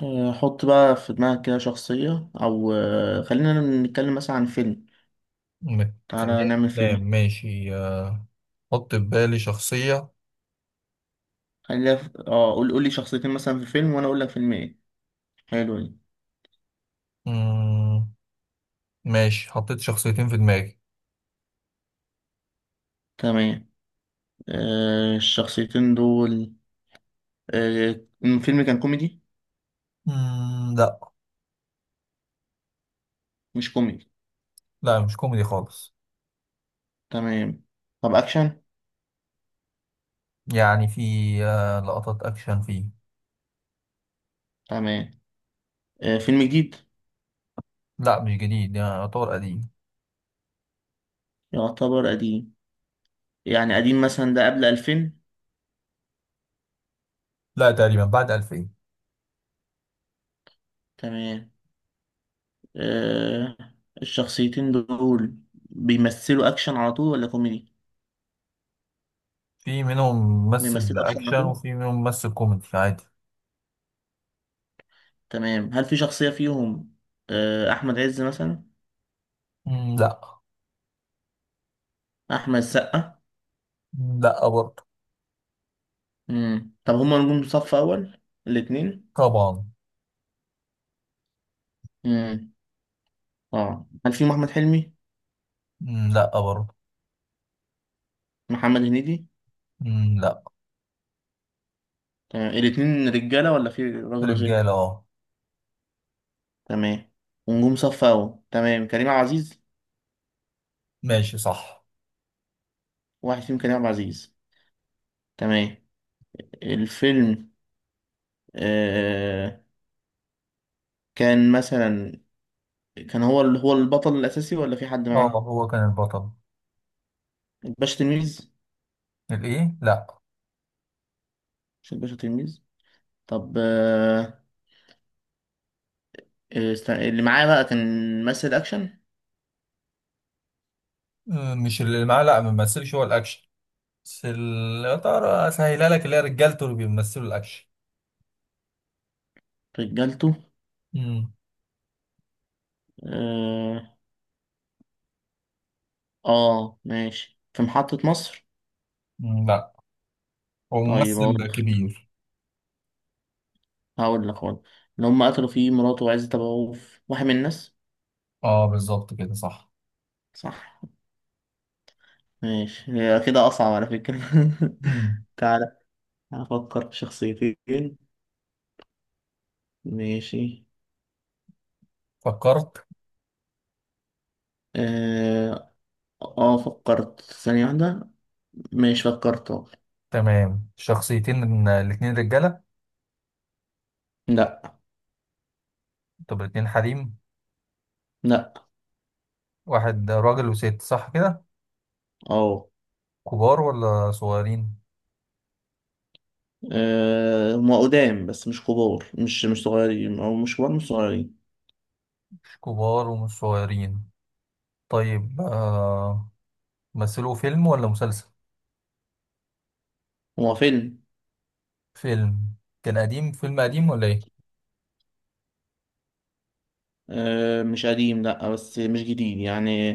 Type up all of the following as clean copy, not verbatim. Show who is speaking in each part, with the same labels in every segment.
Speaker 1: آه، حط بقى في دماغك كده شخصية أو خلينا نتكلم مثلا عن فيلم. تعالى
Speaker 2: بتخليها
Speaker 1: نعمل
Speaker 2: أفلام،
Speaker 1: فيلم.
Speaker 2: ماشي. حط في بالي شخصية.
Speaker 1: خلينا قول لي شخصيتين مثلا في فيلم وأنا أقول لك فيلم إيه. حلو دي.
Speaker 2: مم، ماشي، حطيت شخصيتين في دماغي.
Speaker 1: تمام. آه، الشخصيتين دول. آه، الفيلم كان كوميدي.
Speaker 2: مم، لا.
Speaker 1: مش كوميدي.
Speaker 2: لا مش كوميدي خالص.
Speaker 1: تمام. طب أكشن.
Speaker 2: يعني في لقطات أكشن فيه.
Speaker 1: تمام. آه، فيلم جديد.
Speaker 2: لا مش جديد، يعني يعتبر قديم.
Speaker 1: يعتبر قديم. يعني قديم مثلا ده قبل 2000.
Speaker 2: لا تقريبا بعد 2000.
Speaker 1: تمام. آه، الشخصيتين دول بيمثلوا أكشن على طول ولا كوميدي؟
Speaker 2: في منهم ممثل
Speaker 1: بيمثلوا أكشن على
Speaker 2: أكشن
Speaker 1: طول.
Speaker 2: وفي منهم ممثل كوميدي عادي.
Speaker 1: تمام، هل في شخصية فيهم؟ آه، أحمد عز مثلا.
Speaker 2: مم، لا.
Speaker 1: أحمد السقا.
Speaker 2: مم، لا برضه.
Speaker 1: مم. طب هما نجوم صف أول الاتنين؟
Speaker 2: طبعا.
Speaker 1: مم. اه هل فيهم أحمد حلمي؟
Speaker 2: مم، لا برضه.
Speaker 1: محمد هنيدي.
Speaker 2: مم، لا.
Speaker 1: تمام، الاتنين رجالة ولا في راجل وست؟
Speaker 2: رجالة اه.
Speaker 1: تمام، ونجوم صف أول، تمام كريم عبد العزيز.
Speaker 2: ماشي صح.
Speaker 1: واحد فيهم كريم عبد العزيز. تمام. الفيلم آه كان مثلا، كان هو اللي هو البطل الأساسي ولا في حد
Speaker 2: اه
Speaker 1: معاه؟
Speaker 2: هو كان البطل.
Speaker 1: الباشا تلميذ.
Speaker 2: الايه لا.
Speaker 1: مش الباشا تلميذ. طب آه، آه، است- اللي معايا بقى كان ممثل اكشن.
Speaker 2: مش اللي معاه، لا ما بيمثلش هو الاكشن. بس يا ترى اسهلها لك اللي هي رجالته اللي بيمثلوا الاكشن.
Speaker 1: رجالته
Speaker 2: امم.
Speaker 1: اه. آه، ماشي، في محطة مصر.
Speaker 2: مم، لا. هو
Speaker 1: طيب هقول
Speaker 2: ممثل
Speaker 1: لك.
Speaker 2: كبير.
Speaker 1: هقول لك. اللي هم قتلوا فيه مراته وعزت ابو عوف واحد من الناس.
Speaker 2: اه بالظبط كده صح.
Speaker 1: صح. ماشي، هي كده اصعب على فكرة.
Speaker 2: امم.
Speaker 1: تعالى افكر في شخصيتين. ماشي،
Speaker 2: فكرت.
Speaker 1: اه. آه، فكرت ثانية واحدة. ماشي، فكرت أهو.
Speaker 2: تمام، شخصيتين من الاتنين رجالة.
Speaker 1: لا،
Speaker 2: طب الاتنين حريم.
Speaker 1: لا،
Speaker 2: واحد راجل وست، صح كده.
Speaker 1: اه.
Speaker 2: كبار ولا صغيرين؟
Speaker 1: آه، هما قدام بس مش كبار، مش صغيرين او مش كبار مش صغيرين.
Speaker 2: مش كبار ومش صغيرين. طيب، مثلوا فيلم ولا مسلسل؟
Speaker 1: هو فيلم.
Speaker 2: فيلم. كان قديم، فيلم قديم ولا ايه؟
Speaker 1: آه، مش قديم لا بس مش جديد يعني،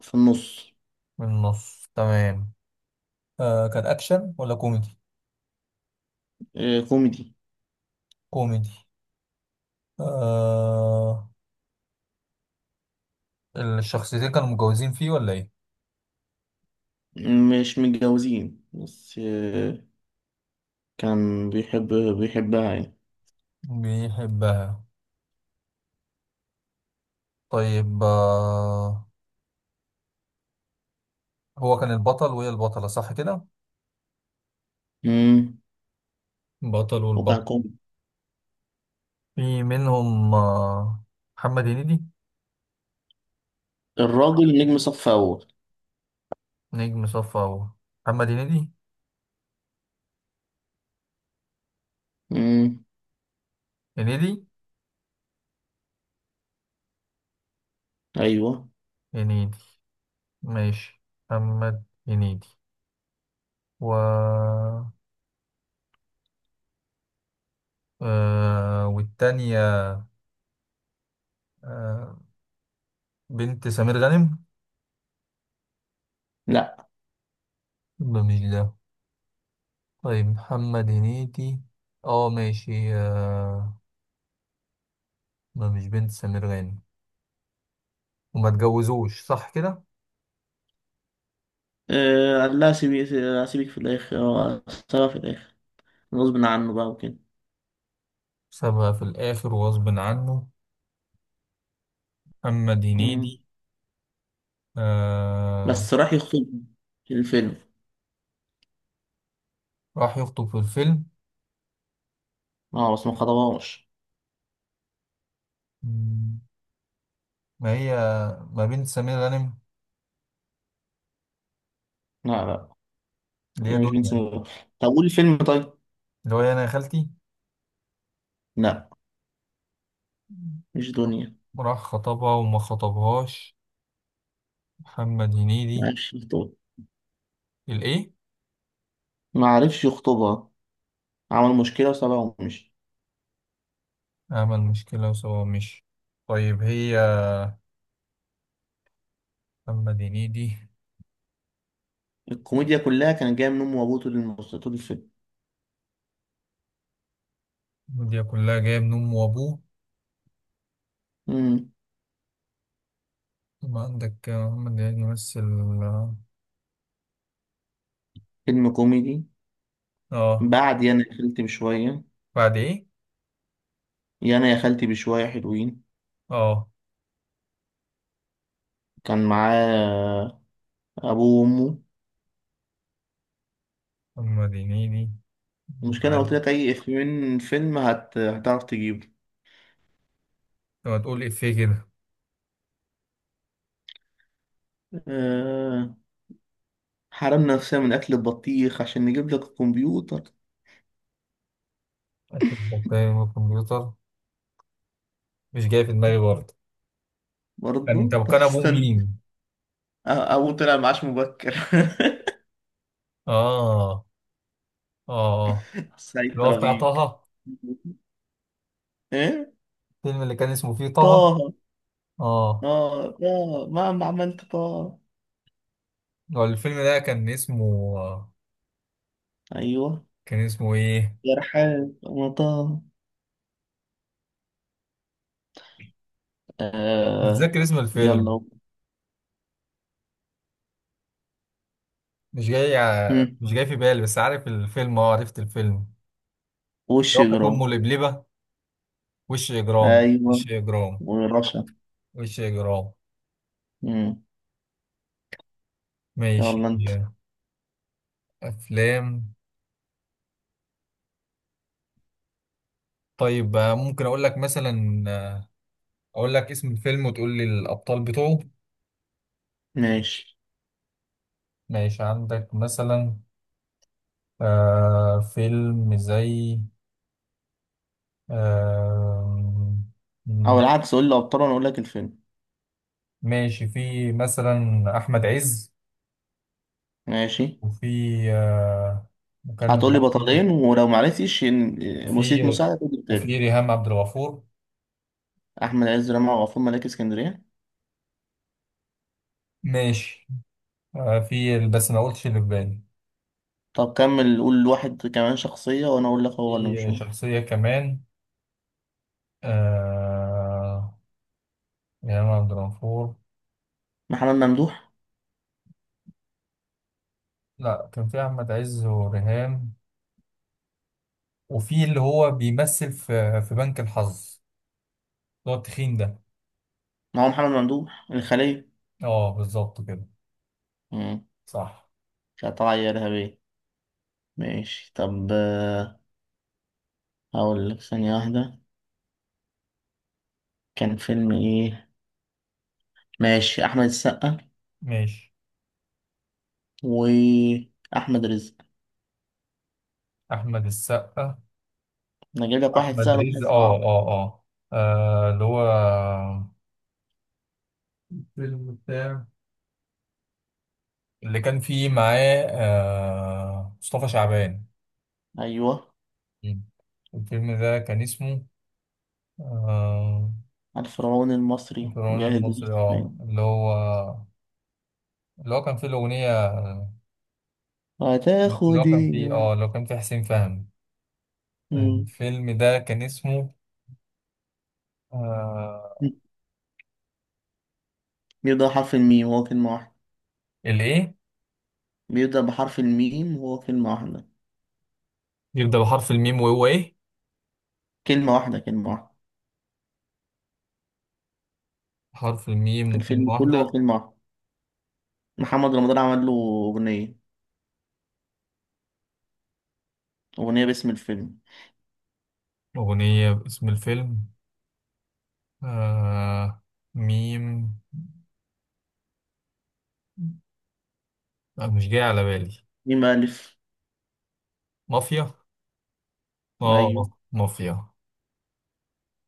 Speaker 1: في النص.
Speaker 2: من النص، تمام. كان أكشن ولا كوميدي؟
Speaker 1: آه، كوميدي.
Speaker 2: كوميدي. آه الشخصيتين كانوا متجوزين فيه ولا إيه؟
Speaker 1: مش متجوزين بس آه، كان بيحب، بيحبها يعني.
Speaker 2: بيحبها. طيب، هو كان البطل وهي البطلة صح كده؟
Speaker 1: مم.
Speaker 2: بطل
Speaker 1: وكان
Speaker 2: والبطل.
Speaker 1: كوميدي.
Speaker 2: في منهم محمد هنيدي.
Speaker 1: الراجل نجم صف اول.
Speaker 2: نجم صف أول. محمد هنيدي.
Speaker 1: مم.
Speaker 2: هنيدي.
Speaker 1: ايوه.
Speaker 2: هنيدي. ماشي. محمد هنيدي و آه والتانية. آه بنت سمير غانم.
Speaker 1: لا.
Speaker 2: ده مش ده. طيب، محمد هنيدي. اه، ماشي. ما مش بنت سمير غانم. وما اتجوزوش صح كده.
Speaker 1: آه، قال لها سيبي، سيبك في الاخر، آه، سيبها في الاخر غصب عنه بقى وكده.
Speaker 2: سابها في الآخر وغصب عنه. محمد هنيدي.
Speaker 1: مم.
Speaker 2: آه
Speaker 1: بس راح يخطب في الفيلم.
Speaker 2: راح يخطب في الفيلم.
Speaker 1: اه بس ما خطبهاش.
Speaker 2: مم، ما هي، ما بنت سمير غانم،
Speaker 1: لا، لا،
Speaker 2: اللي هي
Speaker 1: هي مش بنت
Speaker 2: دنيا.
Speaker 1: سنوب. طب قول فيلم طيب.
Speaker 2: اللي هو إيه، أنا يا خالتي.
Speaker 1: لا مش دنيا.
Speaker 2: راح خطبها وما خطبهاش. محمد
Speaker 1: ما
Speaker 2: هنيدي.
Speaker 1: عرفش يخطبها،
Speaker 2: الإيه؟
Speaker 1: ما عرفش يخطبها. عمل مشكلة وسابها ومشي.
Speaker 2: عمل مشكلة وسوا مش. طيب هي، محمد هنيدي.
Speaker 1: الكوميديا كلها كانت جاية من أمه وأبوه طول طول الفيلم.
Speaker 2: دي كلها جاية من أمه وأبوه.
Speaker 1: مم.
Speaker 2: ثم عندك محمد هنيدي يمثل. آه
Speaker 1: فيلم كوميدي.
Speaker 2: آه،
Speaker 1: بعد يانا يا خالتي بشوية.
Speaker 2: بعد إيه؟
Speaker 1: يانا يا خالتي بشوية حلوين.
Speaker 2: آه
Speaker 1: كان معاه أبوه وأمه.
Speaker 2: محمد هنيدي.
Speaker 1: المشكلة أنا قلت
Speaker 2: معلم.
Speaker 1: لك أي إفيه من فيلم هتعرف تجيبه.
Speaker 2: لما تقول إفيه كده.
Speaker 1: أه... حرمنا نفسنا من أكل البطيخ عشان نجيب لك الكمبيوتر.
Speaker 2: أكل بطارية من الكمبيوتر. مش جاي في دماغي برضه. كان أنت
Speaker 1: برضه طب
Speaker 2: كان أبوه
Speaker 1: استنى.
Speaker 2: مين؟
Speaker 1: أبوه طلع معاش مبكر.
Speaker 2: آه. آه
Speaker 1: سعيد
Speaker 2: اللي هو بتاع
Speaker 1: ترابيج.
Speaker 2: طه.
Speaker 1: إيه؟
Speaker 2: الفيلم اللي كان اسمه فيه طه.
Speaker 1: طه.
Speaker 2: آه
Speaker 1: آه طه مهما عملت طه.
Speaker 2: هو الفيلم ده
Speaker 1: أيوه.
Speaker 2: كان اسمه إيه؟
Speaker 1: يا رحاب أنا طه،
Speaker 2: مش
Speaker 1: آه.
Speaker 2: فاكر اسم الفيلم.
Speaker 1: يلا. هم.
Speaker 2: مش جاي في بالي، بس عارف الفيلم. عرفت الفيلم.
Speaker 1: وش
Speaker 2: لو كانت أمه
Speaker 1: إجرام.
Speaker 2: لبلبة. وش إجرام، وش
Speaker 1: أيوه،
Speaker 2: إجرام،
Speaker 1: ورشا.
Speaker 2: وش إجرام.
Speaker 1: هم.
Speaker 2: ماشي.
Speaker 1: يلا أنت.
Speaker 2: أفلام. طيب، ممكن أقول لك مثلا. أقول لك اسم الفيلم وتقول لي الأبطال بتوعه.
Speaker 1: ماشي،
Speaker 2: ماشي عندك مثلا فيلم زي. آه
Speaker 1: أو
Speaker 2: م-
Speaker 1: العكس قول لي أبطال وأنا أقول لك الفيلم.
Speaker 2: ماشي في مثلا أحمد عز
Speaker 1: ماشي.
Speaker 2: وفي آه وكان في
Speaker 1: هتقول لي بطلين ولو معرفتش إن-.
Speaker 2: وفي
Speaker 1: مسيت مساعدة تقول لي
Speaker 2: وفي
Speaker 1: التالت.
Speaker 2: ريهام عبد الغفور.
Speaker 1: أحمد عز رمى وغفور ملاك اسكندرية.
Speaker 2: ماشي. في، بس ما قلتش اللي في بالي.
Speaker 1: طب كمل قول واحد كمان شخصية وأنا أقول لك هو ولا مش
Speaker 2: في
Speaker 1: هو.
Speaker 2: شخصية كمان آه إمام عبد الغفور.
Speaker 1: محمد ممدوح.
Speaker 2: لا كان في أحمد عز وريهام. وفي اللي هو بيمثل في بنك الحظ، اللي هو التخين ده.
Speaker 1: ما هو محمد ممدوح الخلية.
Speaker 2: اه بالظبط كده
Speaker 1: مم.
Speaker 2: صح.
Speaker 1: كانت طالعة إرهابية. ماشي طب آه، هقول لك ثانية واحدة كان فيلم إيه. ماشي. أحمد السقا
Speaker 2: ماشي.
Speaker 1: وأحمد رزق.
Speaker 2: أحمد السقا.
Speaker 1: أنا أجيب لك واحد
Speaker 2: أحمد
Speaker 1: سهل وواحد
Speaker 2: رزق.
Speaker 1: صعب.
Speaker 2: اللي هو الفيلم بتاع، اللي كان فيه معاه مصطفى شعبان.
Speaker 1: أيوه.
Speaker 2: مم. الفيلم ده كان اسمه آه،
Speaker 1: الفرعون المصري
Speaker 2: الفرعون
Speaker 1: جاهد
Speaker 2: المصري. اه
Speaker 1: الإسلام.
Speaker 2: اللي هو كان فيه الأغنية.
Speaker 1: هتاخد إيه.
Speaker 2: اللي هو كان فيه حسين فهمي.
Speaker 1: مم.
Speaker 2: الفيلم ده كان اسمه. آه
Speaker 1: بيبدأ بحرف الميم وهو كلمة واحدة.
Speaker 2: الإيه؟
Speaker 1: بيبدأ بحرف الميم وهو كلمة واحدة.
Speaker 2: يبدأ بحرف الميم وهو إيه؟
Speaker 1: كلمة واحدة كلمة واحدة.
Speaker 2: حرف الميم
Speaker 1: الفيلم
Speaker 2: وكلمة
Speaker 1: كله هو
Speaker 2: واحدة.
Speaker 1: فيلم واحد. محمد رمضان عمل له أغنية، أغنية باسم الفيلم.
Speaker 2: أغنية باسم الفيلم. آه ميم. مش جاي على بالي.
Speaker 1: مين مؤلف.
Speaker 2: مافيا.
Speaker 1: أيوه،
Speaker 2: اه مافيا.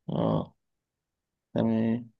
Speaker 1: آه، تمام.